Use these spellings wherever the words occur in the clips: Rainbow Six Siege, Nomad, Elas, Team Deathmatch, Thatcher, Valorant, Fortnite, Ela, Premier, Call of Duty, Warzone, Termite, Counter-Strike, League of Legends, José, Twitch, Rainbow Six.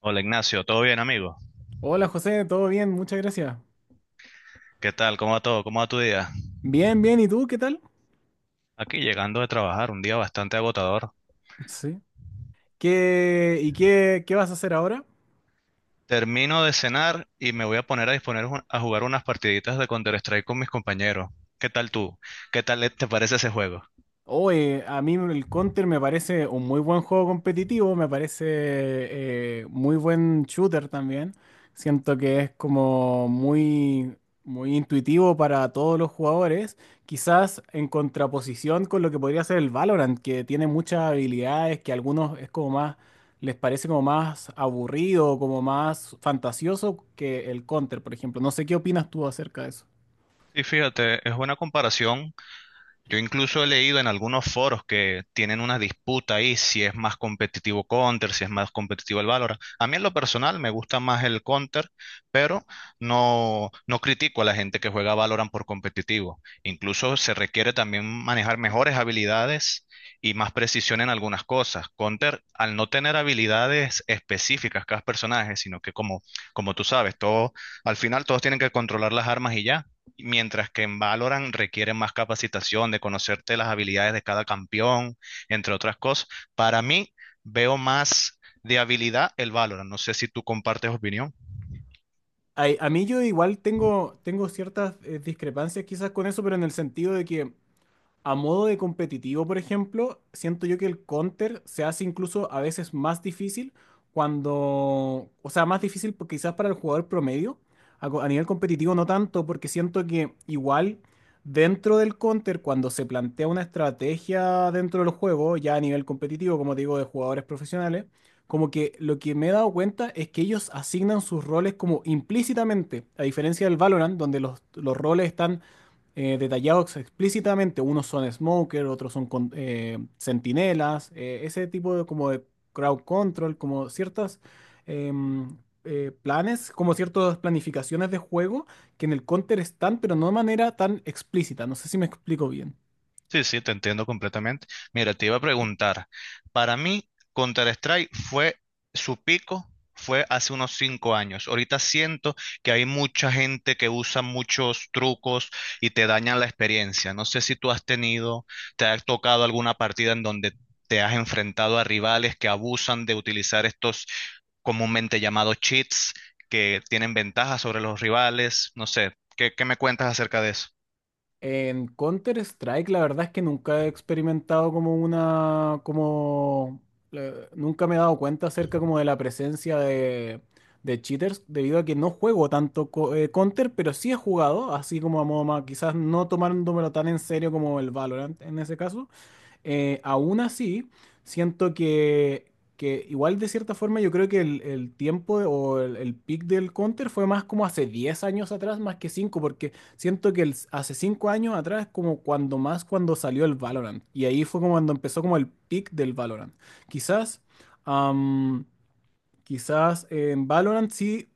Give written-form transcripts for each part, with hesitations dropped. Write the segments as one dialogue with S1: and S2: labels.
S1: Hola Ignacio, ¿todo bien amigo?
S2: Hola José, ¿todo bien? Muchas gracias.
S1: ¿Qué tal? ¿Cómo va todo? ¿Cómo va tu día?
S2: Bien, bien, ¿y tú qué tal?
S1: Aquí llegando de trabajar, un día bastante agotador.
S2: Sí. ¿Y qué vas a hacer ahora?
S1: Termino de cenar y me voy a poner a jugar unas partiditas de Counter-Strike con mis compañeros. ¿Qué tal tú? ¿Qué tal te parece ese juego?
S2: Oye, a mí el Counter me parece un muy buen juego competitivo, me parece muy buen shooter también. Siento que es como muy, muy intuitivo para todos los jugadores, quizás en contraposición con lo que podría ser el Valorant, que tiene muchas habilidades que a algunos es como más, les parece como más aburrido, como más fantasioso que el Counter, por ejemplo. No sé qué opinas tú acerca de eso.
S1: Y fíjate, es buena comparación. Yo incluso he leído en algunos foros que tienen una disputa ahí si es más competitivo Counter, si es más competitivo el Valorant. A mí en lo personal me gusta más el Counter, pero no, no critico a la gente que juega Valorant por competitivo. Incluso se requiere también manejar mejores habilidades y más precisión en algunas cosas. Counter, al no tener habilidades específicas cada personaje, sino que como, como tú sabes, todo, al final todos tienen que controlar las armas y ya. Mientras que en Valorant requiere más capacitación de conocerte las habilidades de cada campeón, entre otras cosas. Para mí, veo más de habilidad el Valorant. No sé si tú compartes opinión.
S2: A mí yo igual tengo ciertas discrepancias quizás con eso, pero en el sentido de que a modo de competitivo, por ejemplo, siento yo que el counter se hace incluso a veces más difícil cuando, o sea, más difícil porque quizás para el jugador promedio, a nivel competitivo no tanto, porque siento que igual dentro del counter, cuando se plantea una estrategia dentro del juego, ya a nivel competitivo, como te digo, de jugadores profesionales, como que lo que me he dado cuenta es que ellos asignan sus roles como implícitamente, a diferencia del Valorant, donde los roles están detallados explícitamente. Unos son smoker, otros son sentinelas, ese tipo de como de crowd control, como ciertas em, planes, como ciertas planificaciones de juego que en el Counter están, pero no de manera tan explícita. No sé si me explico bien.
S1: Sí, sí, te entiendo completamente. Mira, te iba a preguntar, para mí Counter-Strike fue su pico, fue hace unos 5 años. Ahorita siento que hay mucha gente que usa muchos trucos y te dañan la experiencia. No sé si tú has tenido, te ha tocado alguna partida en donde te has enfrentado a rivales que abusan de utilizar estos comúnmente llamados cheats que tienen ventajas sobre los rivales. No sé, ¿qué me cuentas acerca de eso?
S2: En Counter-Strike, la verdad es que nunca he experimentado como una, como, nunca me he dado cuenta acerca como de la presencia de cheaters, debido a que no juego tanto Counter, pero sí he jugado, así como a modo más, quizás no tomándomelo tan en serio como el Valorant en ese caso. Aún así, siento que igual de cierta forma yo creo que el o el peak del Counter fue más como hace 10 años atrás, más que 5 porque siento que hace 5 años atrás es como cuando más cuando salió el Valorant. Y ahí fue como cuando empezó como el peak del Valorant. Quizás, am, quizás en Valorant sí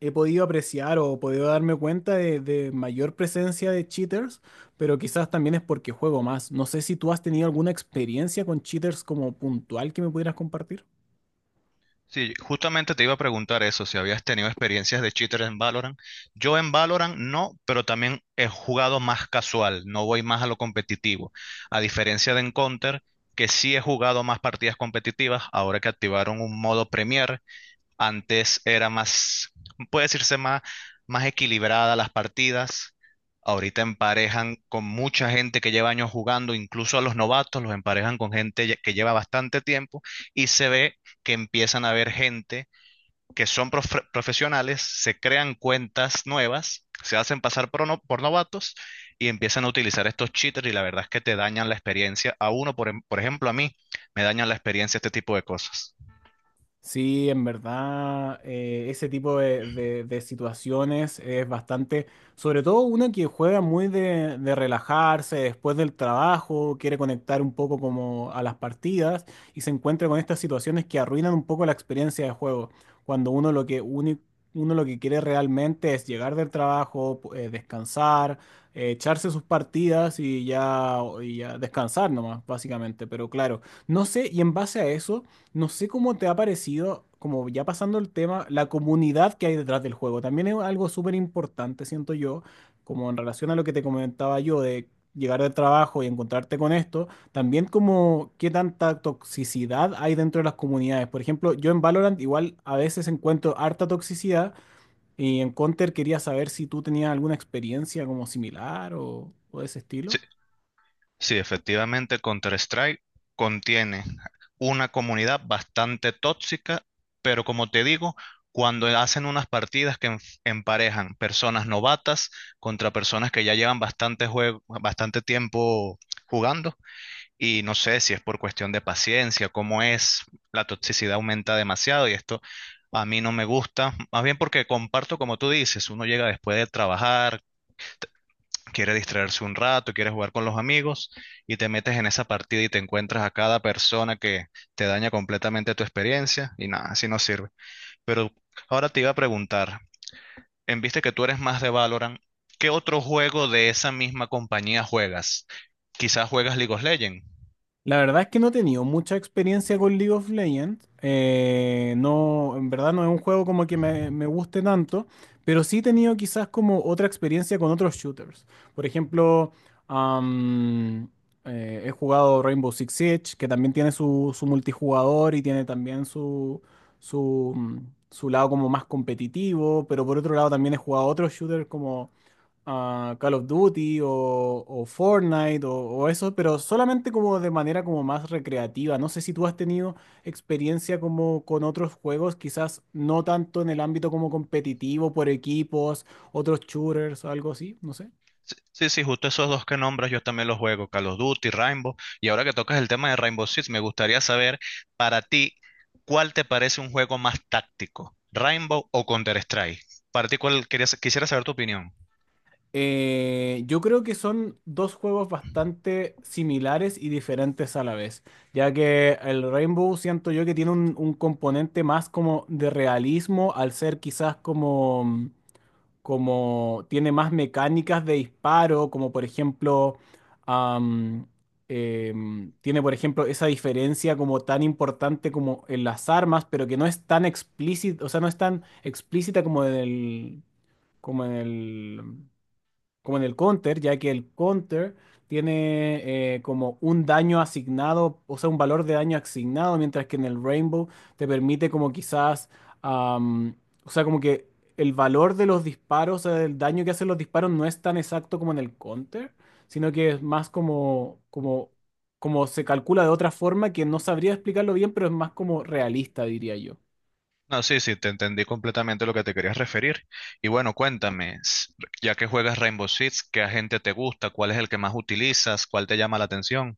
S2: he podido apreciar o podido darme cuenta de mayor presencia de cheaters, pero quizás también es porque juego más. No sé si tú has tenido alguna experiencia con cheaters como puntual que me pudieras compartir.
S1: Sí, justamente te iba a preguntar eso, si habías tenido experiencias de cheater en Valorant. Yo en Valorant no, pero también he jugado más casual, no voy más a lo competitivo. A diferencia de en Counter, que sí he jugado más partidas competitivas, ahora que activaron un modo Premier, antes era más, puede decirse más, más equilibrada las partidas. Ahorita emparejan con mucha gente que lleva años jugando, incluso a los novatos los emparejan con gente que lleva bastante tiempo y se ve que empiezan a haber gente que son profesionales, se crean cuentas nuevas, se hacen pasar por, por novatos y empiezan a utilizar estos cheaters y la verdad es que te dañan la experiencia. A uno, por ejemplo, a mí, me dañan la experiencia este tipo de cosas.
S2: Sí, en verdad, ese tipo de situaciones es bastante, sobre todo uno que juega muy de relajarse después del trabajo, quiere conectar un poco como a las partidas y se encuentra con estas situaciones que arruinan un poco la experiencia de juego, cuando uno lo que quiere realmente es llegar del trabajo, descansar, echarse sus partidas y ya descansar nomás, básicamente, pero claro, no sé, y en base a eso. No sé cómo te ha parecido, como ya pasando el tema, la comunidad que hay detrás del juego. También es algo súper importante, siento yo, como en relación a lo que te comentaba yo de llegar del trabajo y encontrarte con esto, también como qué tanta toxicidad hay dentro de las comunidades. Por ejemplo, yo en Valorant igual a veces encuentro harta toxicidad y en Counter quería saber si tú tenías alguna experiencia como similar o de ese estilo.
S1: Sí, efectivamente, Counter-Strike contiene una comunidad bastante tóxica, pero como te digo, cuando hacen unas partidas que emparejan personas novatas contra personas que ya llevan bastante juego, bastante tiempo jugando, y no sé si es por cuestión de paciencia, cómo es, la toxicidad aumenta demasiado y esto a mí no me gusta, más bien porque comparto como tú dices, uno llega después de trabajar, quiere distraerse un rato, quiere jugar con los amigos y te metes en esa partida y te encuentras a cada persona que te daña completamente tu experiencia y nada, así no sirve. Pero ahora te iba a preguntar, en viste que tú eres más de Valorant, ¿qué otro juego de esa misma compañía juegas? Quizás juegas League of Legends.
S2: La verdad es que no he tenido mucha experiencia con League of Legends. No, en verdad no es un juego como que me guste tanto, pero sí he tenido quizás como otra experiencia con otros shooters. Por ejemplo, am, he jugado Rainbow Six Siege, que también tiene su multijugador y tiene también su, mm, su lado como más competitivo, pero por otro lado también he jugado otros shooters a Call of Duty o Fortnite o eso, pero solamente como de manera como más recreativa. No sé si tú has tenido experiencia como con otros juegos, quizás no tanto en el ámbito como competitivo, por equipos, otros shooters, algo así, no sé.
S1: Sí, sí, sí, justo esos dos que nombras yo también los juego, Call of Duty, Rainbow. Y ahora que tocas el tema de Rainbow Six, me gustaría saber para ti, ¿cuál te parece un juego más táctico? ¿Rainbow o Counter-Strike? Para ti, quisiera saber tu opinión?
S2: Yo creo que son dos juegos bastante similares y diferentes a la vez, ya que el Rainbow siento yo que tiene un componente más como de realismo al ser quizás como tiene más mecánicas de disparo, como por ejemplo, am, tiene por ejemplo esa diferencia como tan importante como en las armas, pero que no es tan explícita, o sea, no es tan explícita como en el, como en el como en el counter, ya que el counter tiene como un daño asignado, o sea, un valor de daño asignado, mientras que en el Rainbow te permite como quizás, am, o sea, como que el valor de los disparos, o sea, el daño que hacen los disparos no es tan exacto como en el counter, sino que es más como se calcula de otra forma que no sabría explicarlo bien, pero es más como realista, diría yo.
S1: No, sí, sí, te entendí completamente lo que te querías referir. Y bueno, cuéntame, ya que juegas Rainbow Six, ¿qué agente te gusta? ¿Cuál es el que más utilizas? ¿Cuál te llama la atención?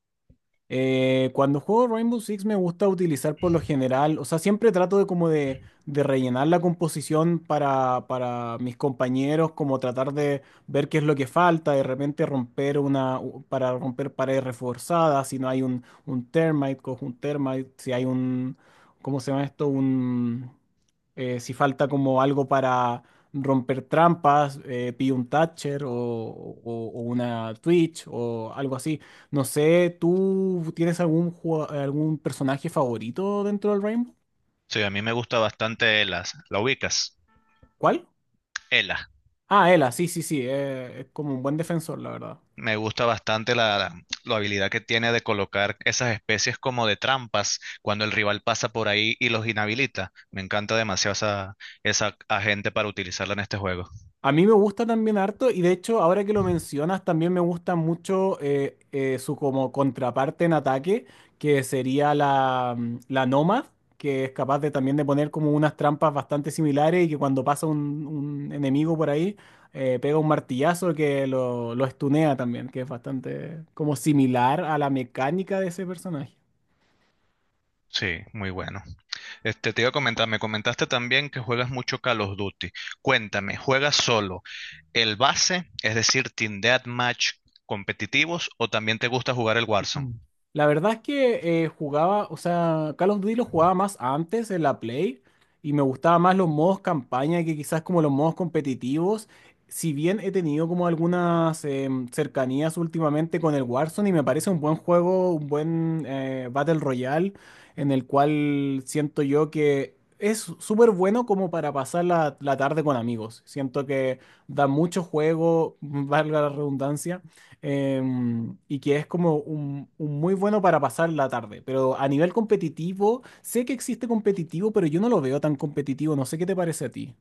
S2: Cuando juego Rainbow Six me gusta utilizar por lo general, o sea, siempre trato de como de rellenar la composición para mis compañeros, como tratar de ver qué es lo que falta, de repente romper para romper paredes reforzadas, si no hay un termite, cojo un termite, si hay un, ¿cómo se llama esto? Si falta como algo para romper trampas, pillo un Thatcher o una Twitch o algo así. No sé, ¿tú tienes algún personaje favorito dentro del Rainbow?
S1: Sí, a mí me gusta bastante Elas. ¿La ubicas?
S2: ¿Cuál?
S1: Elas.
S2: Ah, Ela, sí, sí, sí, es como un buen defensor, la verdad.
S1: Me gusta bastante la, la habilidad que tiene de colocar esas especies como de trampas cuando el rival pasa por ahí y los inhabilita. Me encanta demasiado esa, esa agente para utilizarla en este juego.
S2: A mí me gusta también harto y de hecho ahora que lo mencionas también me gusta mucho su como contraparte en ataque que sería la Nomad que es capaz de también de poner como unas trampas bastante similares y que cuando pasa un enemigo por ahí pega un martillazo que lo estunea también que es bastante como similar a la mecánica de ese personaje.
S1: Sí, muy bueno. Este, te iba a comentar, me comentaste también que juegas mucho Call of Duty. Cuéntame, ¿juegas solo el base, es decir, Team Deathmatch competitivos o también te gusta jugar el Warzone?
S2: Mm. La verdad es que jugaba, o sea, Call of Duty lo jugaba más antes en la Play y me gustaba más los modos campaña que quizás como los modos competitivos. Si bien he tenido como algunas cercanías últimamente con el Warzone y me parece un buen juego, un buen Battle Royale en el cual siento yo que es súper bueno como para pasar la tarde con amigos. Siento que da mucho juego, valga la redundancia y que es como un, muy bueno para pasar la tarde. Pero a nivel competitivo, sé que existe competitivo, pero yo no lo veo tan competitivo. No sé qué te parece a ti.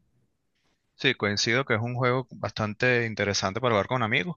S1: Sí, coincido que es un juego bastante interesante para jugar con amigos.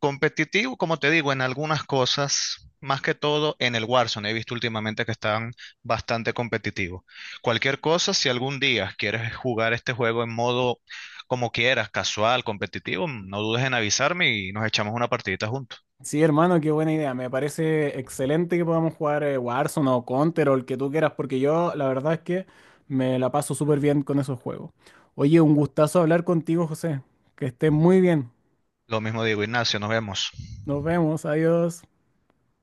S1: Competitivo, como te digo, en algunas cosas, más que todo en el Warzone. He visto últimamente que están bastante competitivos. Cualquier cosa, si algún día quieres jugar este juego en modo como quieras, casual, competitivo, no dudes en avisarme y nos echamos una partidita juntos.
S2: Sí, hermano, qué buena idea. Me parece excelente que podamos jugar Warzone o Counter o el que tú quieras, porque yo la verdad es que me la paso súper bien con esos juegos. Oye, un gustazo hablar contigo, José. Que estés muy bien.
S1: Lo mismo digo, Ignacio, nos vemos.
S2: Nos vemos. Adiós.